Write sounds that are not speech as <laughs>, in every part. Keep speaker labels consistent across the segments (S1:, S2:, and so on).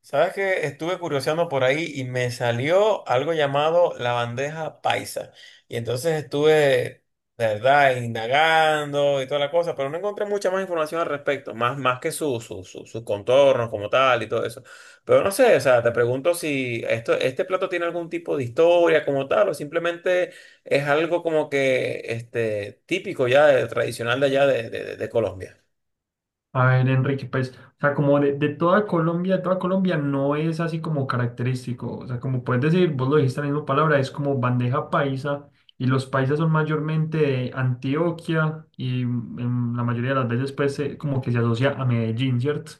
S1: Sabes que estuve curioseando por ahí y me salió algo llamado la bandeja paisa. Y entonces estuve, de verdad, indagando y toda la cosa, pero no encontré mucha más información al respecto, más, más que sus contornos como tal y todo eso. Pero no sé, o sea, te pregunto si esto, este plato tiene algún tipo de historia como tal, o simplemente es algo como que típico ya, tradicional de allá de Colombia.
S2: A ver, Enrique, pues, o sea, como de toda Colombia no es así como característico, o sea, como puedes decir, vos lo dijiste en la misma palabra, es como bandeja paisa, y los paisas son mayormente de Antioquia, y en la mayoría de las veces, pues, como que se asocia a Medellín, ¿cierto?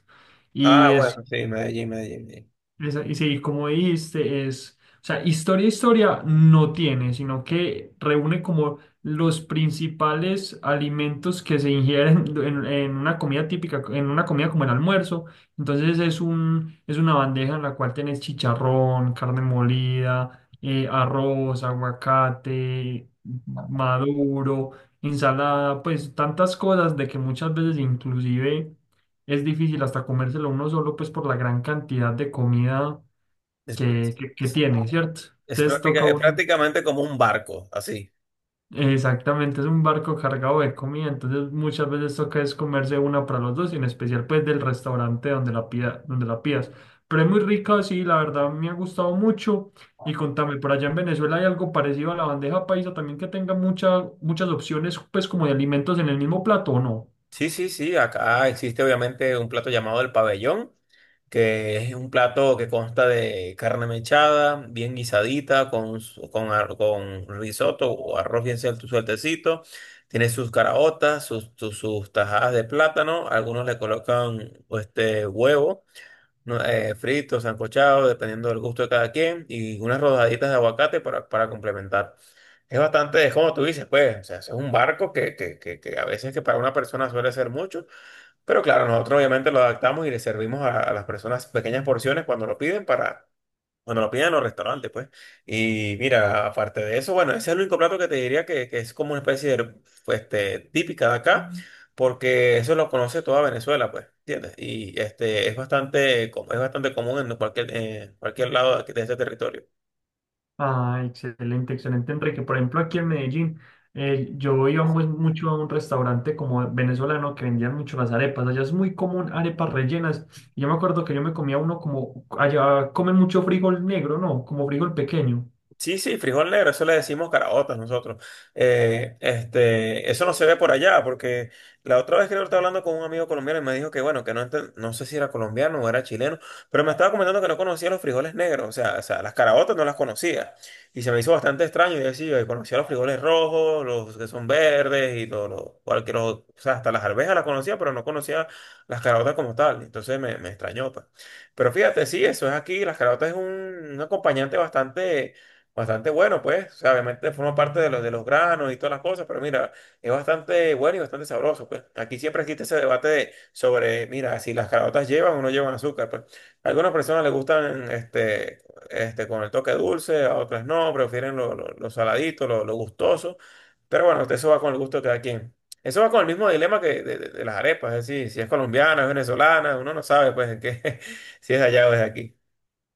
S1: Ah,
S2: Y
S1: bueno, sí, Medellín, Medellín, Medellín.
S2: y sí, como dijiste, es, o sea, historia, historia no tiene, sino que reúne como los principales alimentos que se ingieren <laughs> en una comida típica, en una comida como el almuerzo. Entonces es una bandeja en la cual tenés chicharrón, carne molida, arroz, aguacate, maduro, ensalada, pues tantas cosas de que muchas veces inclusive es difícil hasta comérselo uno solo, pues por la gran cantidad de comida que,
S1: Después.
S2: que, que tiene, ¿cierto?
S1: Es,
S2: Entonces toca
S1: es
S2: un,
S1: prácticamente como un barco, así.
S2: exactamente, es un barco cargado de comida, entonces muchas veces toca es comerse una para los dos, y en especial pues del restaurante donde la pidas. Pero es muy rica, sí, la verdad me ha gustado mucho. Y contame, por allá en Venezuela hay algo parecido a la bandeja paisa, también que tenga muchas opciones, pues como de alimentos en el mismo plato, ¿o no?
S1: Sí, sí, sí, acá existe obviamente un plato llamado el pabellón, que es un plato que consta de carne mechada, bien guisadita, con, su- con, ar- con risotto o arroz bien sueltecito. Tiene sus caraotas, sus tajadas de plátano, algunos le colocan huevo. No, frito, sancochado, dependiendo del gusto de cada quien, y unas rodaditas de aguacate para complementar. Es bastante, es como tú dices, pues, o sea, es un barco que a veces que para una persona suele ser mucho, pero claro, nosotros obviamente lo adaptamos y le servimos a las personas pequeñas porciones cuando lo piden para, cuando lo piden en los restaurantes, pues. Y mira, aparte de eso, bueno, ese es el único plato que te diría que es como una especie de, pues, típica de acá, porque eso lo conoce toda Venezuela, pues, ¿entiendes? Y este, es bastante, es bastante común en cualquier lado de este territorio.
S2: Ah, excelente, excelente, Enrique. Por ejemplo, aquí en Medellín, yo iba mucho a un restaurante como venezolano que vendían mucho las arepas. Allá es muy común arepas rellenas. Y yo me acuerdo que yo me comía uno como, allá comen mucho frijol negro, ¿no? Como frijol pequeño.
S1: Sí, sí, frijol negro, eso le decimos caraotas nosotros. Este, eso no se ve por allá, porque la otra vez que yo estaba hablando con un amigo colombiano y me dijo que, bueno, que no, no sé si era colombiano o era chileno, pero me estaba comentando que no conocía los frijoles negros, o sea, las caraotas no las conocía. Y se me hizo bastante extraño, y decía, yo conocía los frijoles rojos, los que son verdes, cualquier, o sea, hasta las arvejas las conocía, pero no conocía las caraotas como tal. Entonces me extrañó, pues. Pero fíjate, sí, eso es aquí, las caraotas es un acompañante bastante. Bastante bueno, pues. O sea, obviamente forma parte de los granos y todas las cosas, pero mira, es bastante bueno y bastante sabroso, pues. Aquí siempre existe ese debate sobre, mira, si las caraotas llevan o no llevan azúcar, pues. A algunas personas les gustan con el toque dulce, a otras no, prefieren lo saladito, lo gustoso. Pero bueno, eso va con el gusto de cada quien. Eso va con el mismo dilema que de las arepas, es decir, si es colombiana, es venezolana, uno no sabe, pues, en qué, <laughs> si es de allá o es de aquí.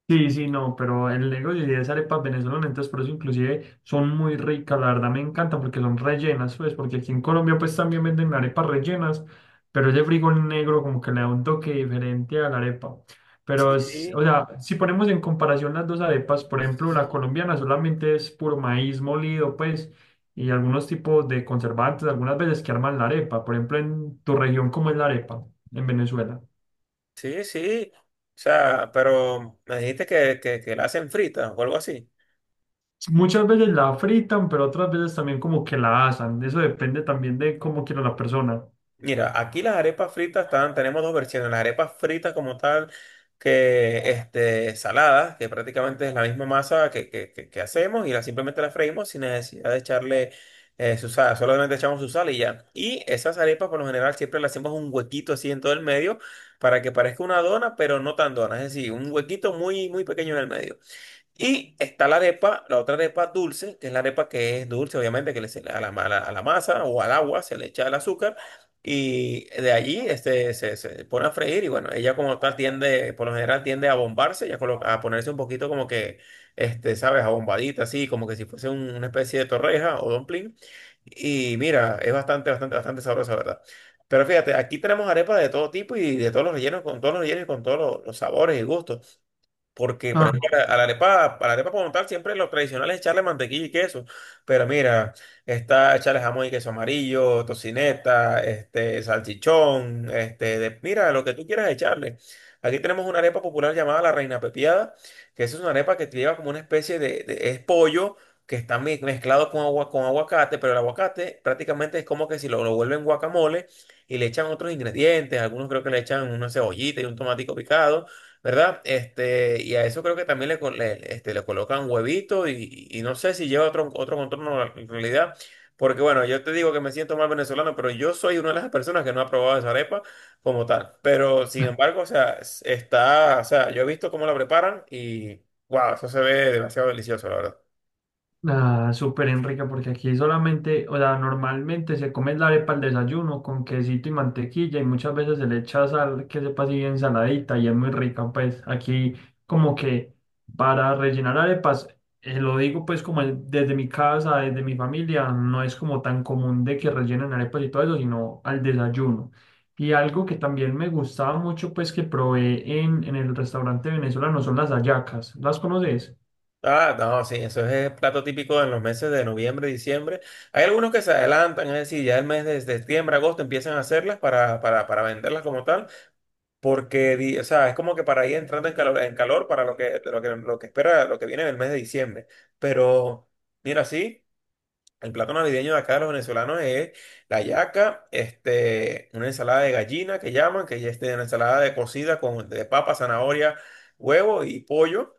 S2: Sí, sí, no, pero el negocio sí es arepas venezolanas, entonces por eso inclusive son muy ricas, la verdad me encantan porque son rellenas, pues, porque aquí en Colombia pues también venden arepas rellenas, pero ese frijol negro como que le da un toque diferente a la arepa. Pero, o sea, si ponemos en comparación las dos arepas, por ejemplo, la
S1: Sí.
S2: colombiana solamente es puro maíz molido, pues, y algunos tipos de conservantes, algunas veces que arman la arepa, por ejemplo, en tu región, ¿cómo es la arepa en Venezuela?
S1: Sí, sí. O sea, pero me dijiste que la hacen frita o algo así.
S2: Muchas veces la fritan, pero otras veces también como que la asan. Eso depende también de cómo quiera la persona.
S1: Mira, aquí las arepas fritas están, tenemos dos versiones. Las arepas fritas como tal, que saladas, que prácticamente es la misma masa que hacemos y la, simplemente la freímos sin necesidad de echarle su sal. Solamente echamos su sal y ya. Y esas arepas por lo general siempre le hacemos un huequito así en todo el medio para que parezca una dona, pero no tan dona. Es decir, un huequito muy, muy pequeño en el medio. Y está la arepa, la otra arepa dulce, que es la arepa que es dulce, obviamente, que le se- a la, a la- a la masa o al agua se le echa el azúcar y de allí se pone a freír y bueno, ella como tal tiende, por lo general tiende a bombarse, ya a ponerse un poquito como que, sabes, abombadita, así, como que si fuese una especie de torreja o dumpling. Y mira, es bastante sabrosa, ¿verdad? Pero fíjate, aquí tenemos arepas de todo tipo y de todos los rellenos, con todos los rellenos y con todos los sabores y gustos. Porque, por ejemplo, a la arepa como tal, siempre lo tradicional es echarle mantequilla y queso. Pero mira, está echarle jamón y queso amarillo, tocineta, salchichón, mira, lo que tú quieras echarle. Aquí tenemos una arepa popular llamada la Reina Pepiada, que esa es una arepa que lleva como una especie es pollo que está mezclado con agua, con aguacate, pero el aguacate prácticamente es como que si lo vuelven guacamole y le echan otros ingredientes, algunos creo que le echan una cebollita y un tomatico picado. ¿Verdad? Y a eso creo que también le, co- le- este, le colocan huevito y no sé si lleva otro, otro contorno en realidad, porque bueno, yo te digo que me siento mal venezolano, pero yo soy una de las personas que no ha probado esa arepa como tal, pero sin embargo, o sea, está, o sea, yo he visto cómo la preparan y wow, eso se ve demasiado delicioso, la verdad.
S2: Ah, súper Enrique, porque aquí solamente, o sea, normalmente se come la arepa al desayuno con quesito y mantequilla y muchas veces se le echa sal que sepa así bien saladita y es muy rica, pues aquí como que para rellenar arepas, lo digo pues desde mi casa, desde mi familia, no es como tan común de que rellenen arepas y todo eso, sino al desayuno. Y algo que también me gustaba mucho pues que probé en el restaurante venezolano son las hallacas, ¿las conoces?
S1: Ah, no, sí, eso es plato típico en los meses de noviembre, diciembre. Hay algunos que se adelantan, es decir, ya el mes de septiembre, agosto empiezan a hacerlas para venderlas como tal. Porque, o sea, es como que para ir entrando en calor para lo que, lo que, lo que espera, lo que viene en el mes de diciembre. Pero, mira, sí, el plato navideño de acá de los venezolanos es la yaca, este, una ensalada de gallina que llaman, que ya es una ensalada de cocida con de papa, zanahoria, huevo y pollo.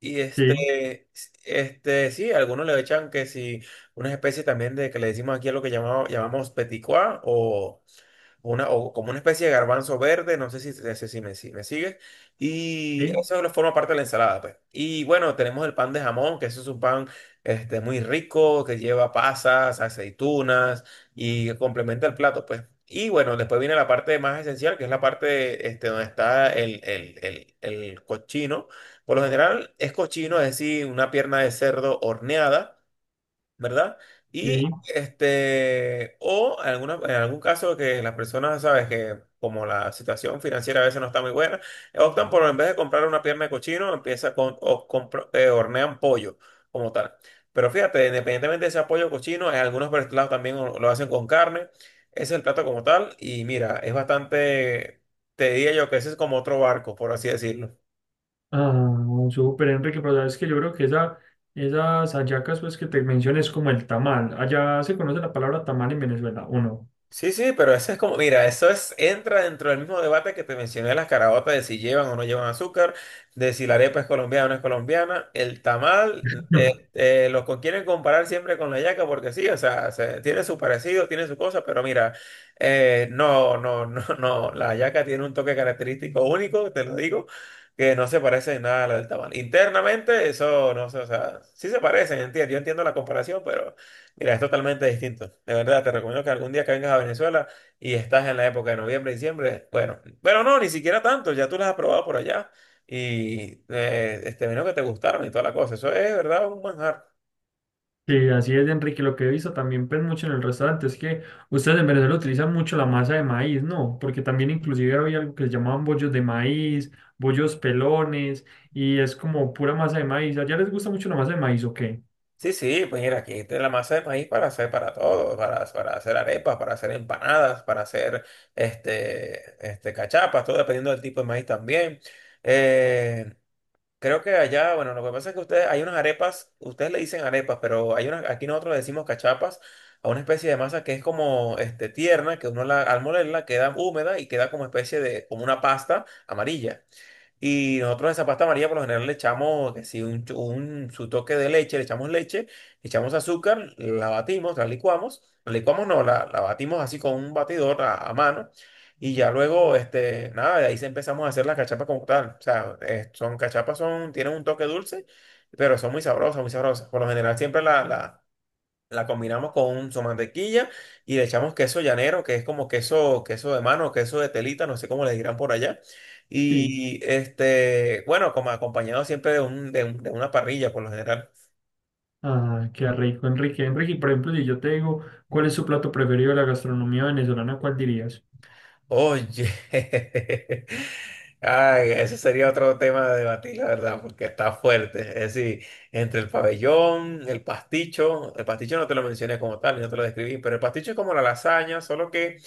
S1: Y
S2: Sí,
S1: sí, algunos le echan que sí, unas especies también de que le decimos aquí a lo que llamamos, llamamos petit pois, una, o como una especie de garbanzo verde, no sé si me, si me sigues, y
S2: sí,
S1: eso lo forma parte de la ensalada, pues. Y bueno, tenemos el pan de jamón, que eso es un pan muy rico, que lleva pasas, aceitunas y complementa el plato, pues. Y bueno, después viene la parte más esencial, que es la parte donde está el cochino. Por lo general es cochino, es decir, una pierna de cerdo horneada, ¿verdad? Y
S2: sí.
S1: o en, en algún caso que las personas, sabes, que como la situación financiera a veces no está muy buena, optan por en vez de comprar una pierna de cochino, empieza con, o hornean pollo como tal. Pero fíjate, independientemente de ese pollo cochino, en algunos platos también lo hacen con carne. Ese es el plato como tal. Y mira, es bastante, te diría yo que ese es como otro barco, por así decirlo.
S2: Ah, súper, Enrique, pero sabes que yo creo que esas hallacas pues, que te mencioné es como el tamal. Allá se conoce la palabra tamal en Venezuela, ¿o no?
S1: Sí, sí, pero eso es como, mira, eso es, entra dentro del mismo debate que te mencioné de las caraotas, de si llevan o no llevan azúcar, de si la arepa es colombiana o no es colombiana, el tamal,
S2: <laughs> No.
S1: los quieren comparar siempre con la yaca porque sí, o sea, tiene su parecido, tiene su cosa, pero mira, no, no, no, <laughs> no, la yaca tiene un toque característico único, te lo digo, que no se parece en nada a la del tamal. Internamente, eso, no sé, o sea, sí se parecen, entiendo, yo entiendo la comparación. Mira, es totalmente distinto. De verdad, te recomiendo que algún día que vengas a Venezuela y estás en la época de noviembre, diciembre, bueno, pero no, ni siquiera tanto, ya tú las has probado por allá y este vino que te gustaron y toda la cosa. Eso es, de ¿verdad? Un manjar.
S2: Sí, así es, Enrique. Lo que he visto también pues, mucho en el restaurante es que ustedes en Venezuela utilizan mucho la masa de maíz, ¿no? Porque también inclusive había algo que se llamaban bollos de maíz, bollos pelones, y es como pura masa de maíz. ¿Allá les gusta mucho la masa de maíz o qué?
S1: Sí, sí, pues mira, aquí está la masa de maíz para hacer para todo, para hacer arepas, para hacer empanadas, para hacer cachapas, todo dependiendo del tipo de maíz también. Eh, Creo que allá, bueno, lo que pasa es que ustedes, hay unas arepas, ustedes le dicen arepas, pero hay unas, aquí nosotros le decimos cachapas a una especie de masa que es como tierna, que uno la, al molerla queda húmeda y queda como especie de, como una pasta amarilla. Y nosotros esa pasta amarilla por lo general le echamos, que si un, su toque de leche, le echamos azúcar, la batimos, la licuamos no, la batimos así con un batidor a mano. Y ya luego, nada, de ahí se empezamos a hacer las cachapas como tal. O sea, son cachapas, son, tienen un toque dulce, pero son muy sabrosas, muy sabrosas. Por lo general siempre la combinamos con un su mantequilla y le echamos queso llanero, que es como queso, queso de mano, queso de telita, no sé cómo le dirán por allá.
S2: Sí.
S1: Y bueno, como acompañado siempre de una parrilla por lo general.
S2: Ah, qué rico, Enrique. Enrique, y por ejemplo, si yo te digo, ¿cuál es su plato preferido de la gastronomía venezolana? ¿Cuál dirías?
S1: Oye, <laughs> ay, ese sería otro tema de debatir, la verdad, porque está fuerte. Es decir, entre el pabellón, el pasticho no te lo mencioné como tal, no te lo describí, pero el pasticho es como la lasaña, solo que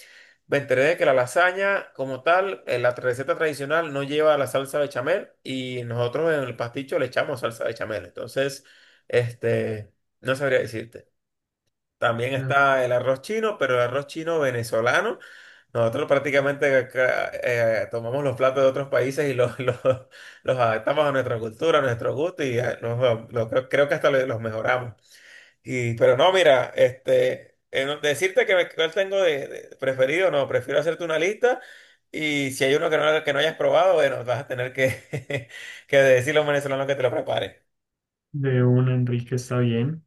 S1: me enteré de que la lasaña, como tal, la receta tradicional no lleva la salsa bechamel y nosotros en el pasticho le echamos salsa bechamel. Entonces, este, no sabría decirte. También
S2: Ah,
S1: está el arroz chino, pero el arroz chino venezolano. Nosotros prácticamente acá, tomamos los platos de otros países y los, <laughs> los adaptamos a nuestra cultura, a nuestro gusto y creo que hasta los mejoramos. Y, pero no, mira, decirte que me, cuál tengo de preferido, no, prefiero hacerte una lista y si hay uno que no hayas probado, bueno, vas a tener que, <laughs> que decirle a un venezolano que te lo prepare.
S2: de una Enrique está bien.